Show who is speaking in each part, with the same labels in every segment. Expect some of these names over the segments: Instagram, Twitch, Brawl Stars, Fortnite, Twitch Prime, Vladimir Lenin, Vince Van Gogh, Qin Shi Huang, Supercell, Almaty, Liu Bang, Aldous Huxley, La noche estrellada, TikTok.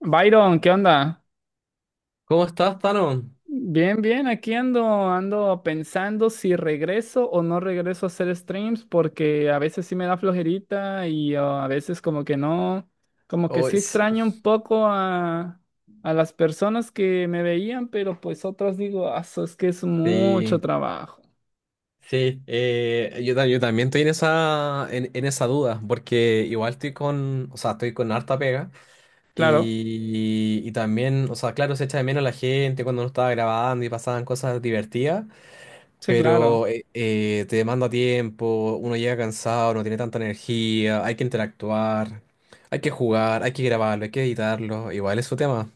Speaker 1: Byron, ¿qué onda?
Speaker 2: ¿Cómo estás, Tano?
Speaker 1: Bien, bien, aquí ando, ando pensando si regreso o no regreso a hacer streams porque a veces sí me da flojerita y a veces como que no, como que
Speaker 2: Oh,
Speaker 1: sí extraño un poco a las personas que me veían, pero pues otras digo: "Ah, eso es que es mucho
Speaker 2: sí,
Speaker 1: trabajo".
Speaker 2: sí. Yo también estoy en esa duda, porque igual o sea, estoy con harta pega
Speaker 1: Claro,
Speaker 2: y también, o sea, claro, se echa de menos la gente cuando no estaba grabando y pasaban cosas divertidas,
Speaker 1: sí, claro.
Speaker 2: pero te demanda tiempo, uno llega cansado, no tiene tanta energía, hay que interactuar, hay que jugar, hay que grabarlo, hay que editarlo, igual es su tema.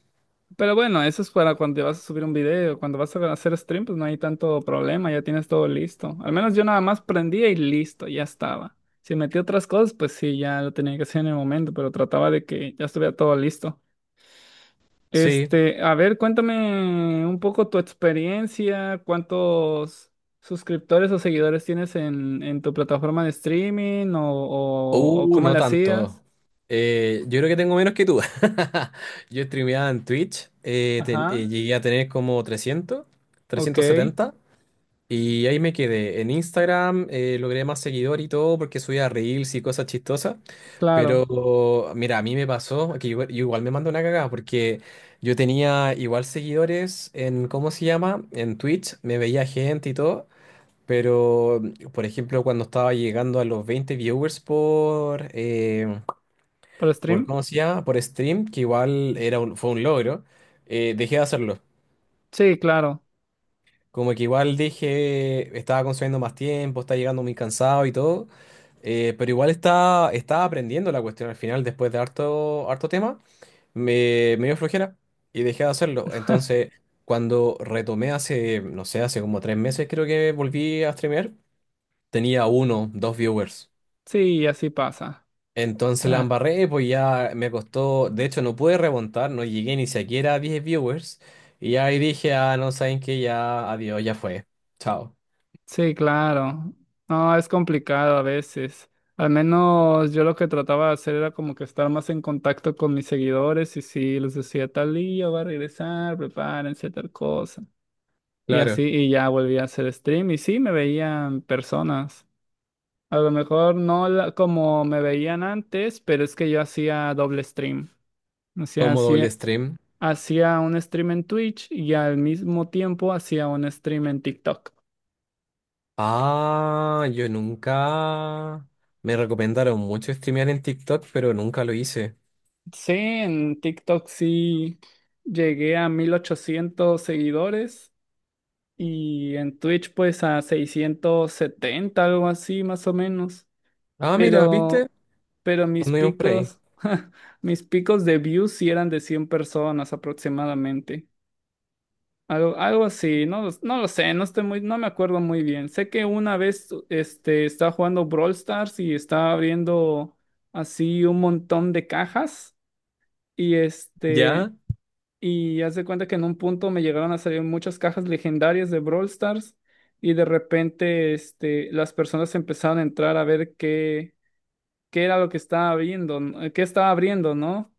Speaker 1: Pero bueno, eso es para cuando vas a subir un video, cuando vas a hacer stream, pues no hay tanto problema, ya tienes todo listo. Al menos yo nada más prendía y listo, ya estaba. Si metí otras cosas, pues sí, ya lo tenía que hacer en el momento, pero trataba de que ya estuviera todo listo.
Speaker 2: Sí.
Speaker 1: Este, a ver, cuéntame un poco tu experiencia, cuántos suscriptores o seguidores tienes en tu plataforma de streaming o cómo
Speaker 2: No
Speaker 1: le
Speaker 2: tanto.
Speaker 1: hacías.
Speaker 2: Yo creo que tengo menos que tú. Yo streameaba en Twitch,
Speaker 1: Ajá,
Speaker 2: llegué a tener como
Speaker 1: ok,
Speaker 2: 370 y ahí me quedé. En Instagram logré más seguidor y todo porque subía reels y cosas chistosas,
Speaker 1: claro.
Speaker 2: pero mira, a mí me pasó que yo igual me mandé una cagada porque yo tenía igual seguidores en, ¿cómo se llama? En Twitch, me veía gente y todo. Pero, por ejemplo, cuando estaba llegando a los 20 viewers por, eh,
Speaker 1: ¿Por
Speaker 2: por
Speaker 1: stream?
Speaker 2: ¿cómo se llama? Por stream, que igual era fue un logro, dejé de hacerlo.
Speaker 1: Sí, claro.
Speaker 2: Como que igual dije, estaba consumiendo más tiempo, estaba llegando muy cansado y todo, pero igual estaba aprendiendo la cuestión al final, después de harto, harto tema, me dio flojera y dejé de hacerlo. Entonces, cuando retomé hace, no sé, hace como 3 meses creo que volví a streamear, tenía uno, dos viewers.
Speaker 1: Sí, así pasa.
Speaker 2: Entonces la
Speaker 1: Ah,
Speaker 2: embarré, pues ya me costó, de hecho no pude remontar, no llegué ni siquiera a 10 viewers y ahí dije, ah, no saben que ya, adiós, ya fue, chao.
Speaker 1: sí, claro. No, es complicado a veces. Al menos yo lo que trataba de hacer era como que estar más en contacto con mis seguidores y si les decía tal día va a regresar, prepárense tal cosa. Y así,
Speaker 2: Claro,
Speaker 1: y ya volví a hacer stream y sí, me veían personas. A lo mejor no como me veían antes, pero es que yo hacía doble stream. O sea,
Speaker 2: como doble
Speaker 1: hacía,
Speaker 2: stream.
Speaker 1: hacía un stream en Twitch y al mismo tiempo hacía un stream en TikTok.
Speaker 2: Ah, yo nunca. Me recomendaron mucho streamear en TikTok, pero nunca lo hice.
Speaker 1: Sí, en TikTok sí llegué a 1800 seguidores y en Twitch pues a 670, algo así, más o menos.
Speaker 2: Ah, mira, ¿viste?
Speaker 1: Pero, pero mis
Speaker 2: Anduvimos por ahí.
Speaker 1: picos, mis picos de views sí eran de 100 personas aproximadamente. Algo, algo así, no, no lo sé, no estoy muy, no me acuerdo muy bien. Sé que una vez este, estaba jugando Brawl Stars y estaba abriendo así un montón de cajas. Y este,
Speaker 2: Ya.
Speaker 1: y haz de cuenta que en un punto me llegaron a salir muchas cajas legendarias de Brawl Stars y de repente este, las personas empezaron a entrar a ver qué era lo que estaba abriendo, ¿no? Qué estaba abriendo, ¿no?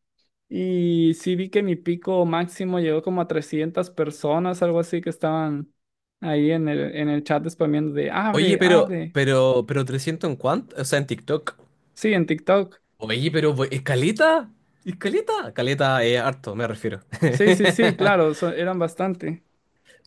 Speaker 1: Y sí vi que mi pico máximo llegó como a 300 personas, algo así, que estaban ahí en el chat spameando de
Speaker 2: Oye,
Speaker 1: abre,
Speaker 2: pero,
Speaker 1: abre.
Speaker 2: pero, pero 300 en cuánto, o sea, en TikTok.
Speaker 1: Sí, en TikTok.
Speaker 2: Oye, pero, ¿escaleta? ¿Escaleta? Caleta, es caleta, harto, me refiero.
Speaker 1: Sí, sí, sí, claro, eran bastante.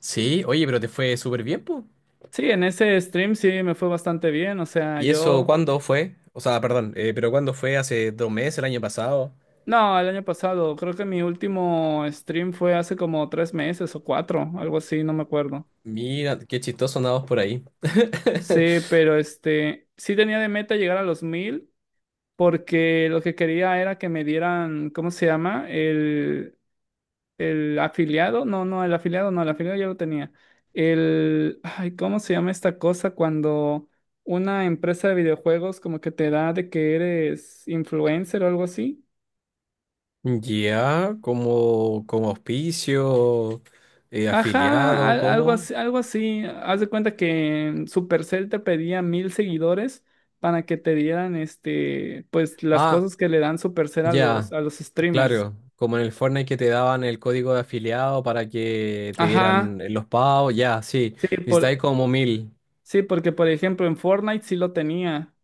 Speaker 2: Sí, oye, pero te fue súper bien, pues.
Speaker 1: Sí, en ese stream sí me fue bastante bien, o sea,
Speaker 2: ¿Y eso
Speaker 1: yo…
Speaker 2: cuándo fue? O sea, perdón, pero ¿cuándo fue? ¿Hace 2 meses, el año pasado?
Speaker 1: No, el año pasado, creo que mi último stream fue hace como 3 meses o 4, algo así, no me acuerdo.
Speaker 2: Mira, qué chistoso andamos por ahí.
Speaker 1: Sí, pero este, sí tenía de meta llegar a los 1000, porque lo que quería era que me dieran, ¿cómo se llama? El afiliado, no, no, el afiliado, no, el afiliado ya lo tenía. El, ay, ¿cómo se llama esta cosa cuando una empresa de videojuegos como que te da de que eres influencer o algo así?
Speaker 2: Ya, como auspicio,
Speaker 1: Ajá,
Speaker 2: afiliado,
Speaker 1: algo
Speaker 2: ¿cómo?
Speaker 1: así, algo así. Haz de cuenta que Supercell te pedía 1000 seguidores para que te dieran este, pues las
Speaker 2: Ah,
Speaker 1: cosas que le dan Supercell
Speaker 2: ya,
Speaker 1: a los streamers.
Speaker 2: claro. Como en el Fortnite que te daban el código de afiliado para que te
Speaker 1: Ajá,
Speaker 2: dieran los pagos, ya, sí.
Speaker 1: sí, por,
Speaker 2: Necesitáis como 1.000,
Speaker 1: sí, porque por ejemplo en Fortnite sí lo tenía,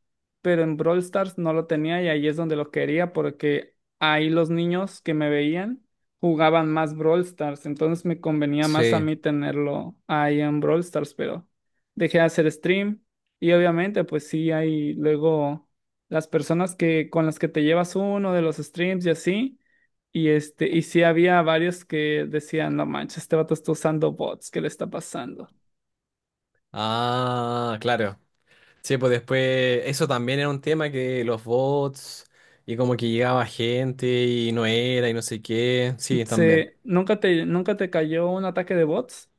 Speaker 1: pero en Brawl Stars no lo tenía y ahí es donde lo quería porque ahí los niños que me veían jugaban más Brawl Stars, entonces me convenía más a
Speaker 2: sí.
Speaker 1: mí tenerlo ahí en Brawl Stars, pero dejé de hacer stream y obviamente pues sí hay luego las personas que con las que te llevas uno de los streams y así. Y este, y sí había varios que decían: "No manches, este vato está usando bots, ¿qué le está pasando?".
Speaker 2: Ah, claro. Sí, pues después eso también era un tema que los bots y como que llegaba gente y no era y no sé qué. Sí, también.
Speaker 1: Sí, ¿nunca te, nunca te cayó un ataque de bots?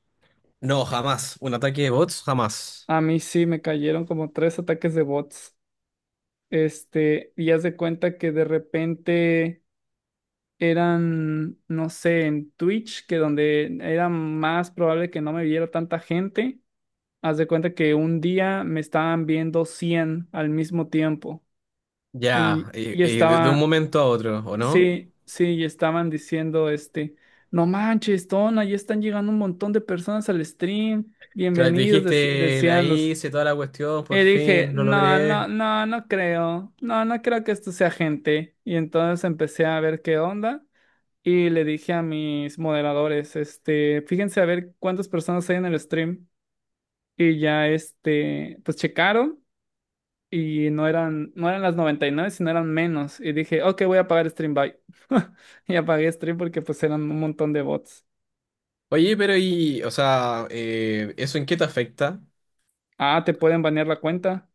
Speaker 2: No, jamás. Un ataque de bots, jamás.
Speaker 1: A mí sí me cayeron como 3 ataques de bots. Este, y haz de cuenta que de repente eran, no sé, en Twitch, que donde era más probable que no me viera tanta gente, haz de cuenta que un día me estaban viendo 100 al mismo tiempo
Speaker 2: Ya, y,
Speaker 1: y
Speaker 2: y de un
Speaker 1: estaba,
Speaker 2: momento a otro, ¿o no?
Speaker 1: sí, sí, y estaban diciendo este: "No manches, Tona, ya están llegando un montón de personas al stream,
Speaker 2: Claro, te
Speaker 1: bienvenidos",
Speaker 2: dijiste, la
Speaker 1: decían los.
Speaker 2: hice, toda la cuestión, por
Speaker 1: Y dije:
Speaker 2: fin, lo
Speaker 1: "No,
Speaker 2: logré.
Speaker 1: no, no, no creo, no, no creo que esto sea gente". Y entonces empecé a ver qué onda y le dije a mis moderadores, este, fíjense a ver cuántas personas hay en el stream. Y ya, este, pues checaron. Y no eran las 99 sino eran menos. Y dije: "Ok, voy a apagar Stream. Bye". Y apagué Stream porque pues eran un montón de bots.
Speaker 2: Oye, pero y, o sea, ¿eso en qué te afecta?
Speaker 1: Ah, ¿te pueden banear la cuenta?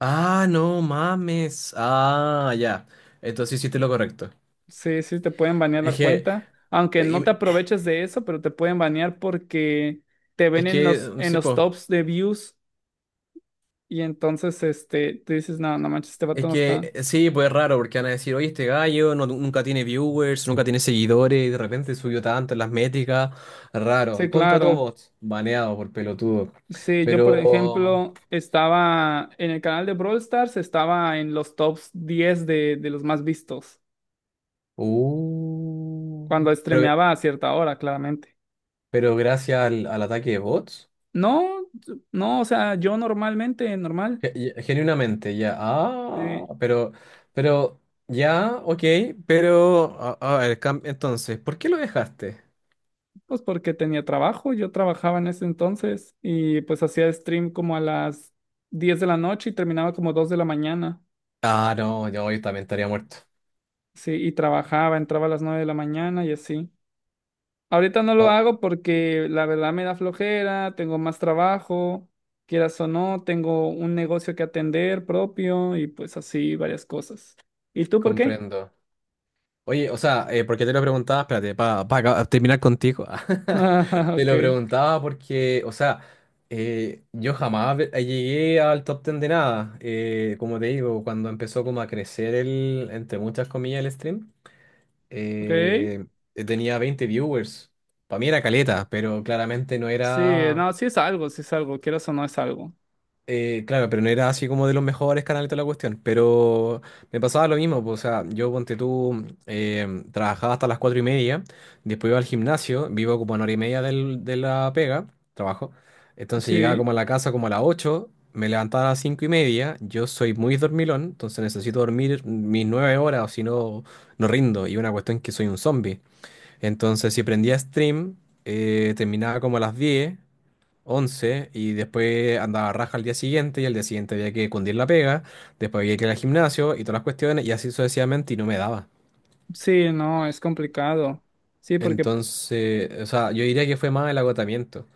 Speaker 2: Ah, no mames. Ah, ya. Entonces hiciste lo correcto.
Speaker 1: Sí, sí, te pueden banear la
Speaker 2: Es que,
Speaker 1: cuenta. Aunque no
Speaker 2: y-
Speaker 1: te aproveches de eso, pero te pueden banear porque te ven
Speaker 2: es que,
Speaker 1: en
Speaker 2: sí,
Speaker 1: los
Speaker 2: pues.
Speaker 1: tops de views. Y entonces, este, tú dices: "No, no manches, este vato
Speaker 2: Es
Speaker 1: no está".
Speaker 2: que sí, pues es raro, porque van a decir, oye, este gallo nunca tiene viewers, nunca tiene seguidores, y de repente subió tanto en las métricas.
Speaker 1: Sí,
Speaker 2: Raro. Contra todo
Speaker 1: claro.
Speaker 2: bots, baneado por pelotudo.
Speaker 1: Sí, yo por
Speaker 2: Pero.
Speaker 1: ejemplo estaba en el canal de Brawl Stars, estaba en los top 10 de los más vistos.
Speaker 2: Uh,
Speaker 1: Cuando
Speaker 2: pero,
Speaker 1: streameaba a cierta hora, claramente.
Speaker 2: pero gracias al, ataque de bots.
Speaker 1: No, no, o sea, yo normalmente, normal,
Speaker 2: Genuinamente, ya. Ah,
Speaker 1: sí,
Speaker 2: pero. Pero. Ya, ok, pero. A ver, entonces, ¿por qué lo dejaste?
Speaker 1: pues porque tenía trabajo, yo trabajaba en ese entonces y pues hacía stream como a las 10 de la noche y terminaba como 2 de la mañana,
Speaker 2: Ah, no, yo también estaría muerto.
Speaker 1: sí, y trabajaba, entraba a las 9 de la mañana y así. Ahorita no lo
Speaker 2: Ah,
Speaker 1: hago porque la verdad me da flojera, tengo más trabajo, quieras o no, tengo un negocio que atender propio y pues así varias cosas. ¿Y tú por qué?
Speaker 2: comprendo. Oye, o sea, porque te lo preguntaba, espérate, para terminar contigo.
Speaker 1: Ah,
Speaker 2: Te
Speaker 1: ok.
Speaker 2: lo preguntaba porque, o sea, yo jamás llegué al top ten de nada. Como te digo, cuando empezó como a crecer el, entre muchas comillas, el stream,
Speaker 1: Ok,
Speaker 2: eh, tenía 20 viewers. Para mí era caleta, pero claramente no
Speaker 1: sí,
Speaker 2: era.
Speaker 1: no, sí es algo, quieras o no es algo.
Speaker 2: Claro, pero no era así como de los mejores canales de la cuestión, pero me pasaba lo mismo, pues, o sea, yo ponte tú, trabajaba hasta las 4:30, después iba al gimnasio, vivo como a una hora y media de la pega, trabajo, entonces llegaba
Speaker 1: Sí,
Speaker 2: como a la casa como a las 8, me levantaba a las 5:30, yo soy muy dormilón, entonces necesito dormir mis 9 horas o si no, no rindo, y una cuestión que soy un zombie, entonces si prendía stream, terminaba como a las 10, 11 y después andaba raja al día siguiente y al día siguiente había que cundir la pega, después había que ir al gimnasio y todas las cuestiones y así sucesivamente y no me daba.
Speaker 1: sí, no, es complicado. Sí, porque
Speaker 2: Entonces, o sea, yo diría que fue más el agotamiento.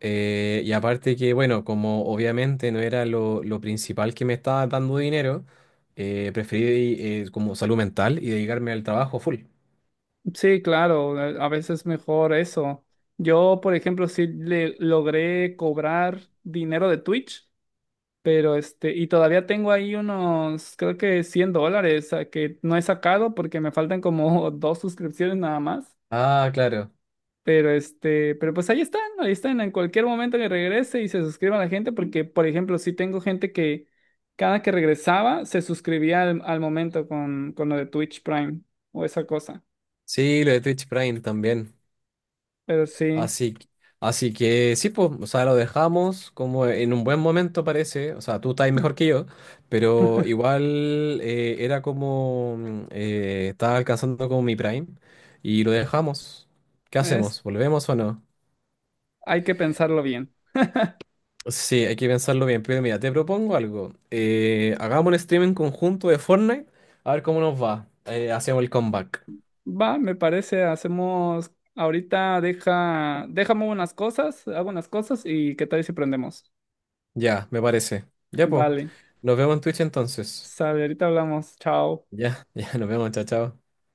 Speaker 2: Y aparte que, bueno, como obviamente no era lo principal que me estaba dando dinero, preferí como salud mental y dedicarme al trabajo full.
Speaker 1: sí, claro, a veces es mejor eso. Yo, por ejemplo, sí le logré cobrar dinero de Twitch, pero este, y todavía tengo ahí unos, creo que $100 a que no he sacado porque me faltan como 2 suscripciones nada más.
Speaker 2: Ah, claro.
Speaker 1: Pero este, pero pues ahí están, en cualquier momento que regrese y se suscriba la gente, porque por ejemplo, sí tengo gente que cada que regresaba se suscribía al momento con lo de Twitch Prime o esa cosa.
Speaker 2: Sí, lo de Twitch Prime también.
Speaker 1: Pero sí,
Speaker 2: Así, que- Así que sí, pues, o sea, lo dejamos como en un buen momento parece, o sea, tú estás mejor que yo, pero igual era como, estaba alcanzando como mi prime y lo dejamos. ¿Qué
Speaker 1: es,
Speaker 2: hacemos? ¿Volvemos o no?
Speaker 1: hay que pensarlo bien.
Speaker 2: Sí, hay que pensarlo bien, pero mira, te propongo algo. Hagamos un streaming conjunto de Fortnite, a ver cómo nos va. Hacemos el comeback.
Speaker 1: Va, me parece, hacemos, ahorita deja, déjame unas cosas, hago unas cosas y qué tal si prendemos.
Speaker 2: Ya, me parece. Ya, pues,
Speaker 1: Vale,
Speaker 2: nos vemos en Twitch entonces.
Speaker 1: sale, ahorita hablamos, chao.
Speaker 2: Ya, ya, nos vemos, chao, chao.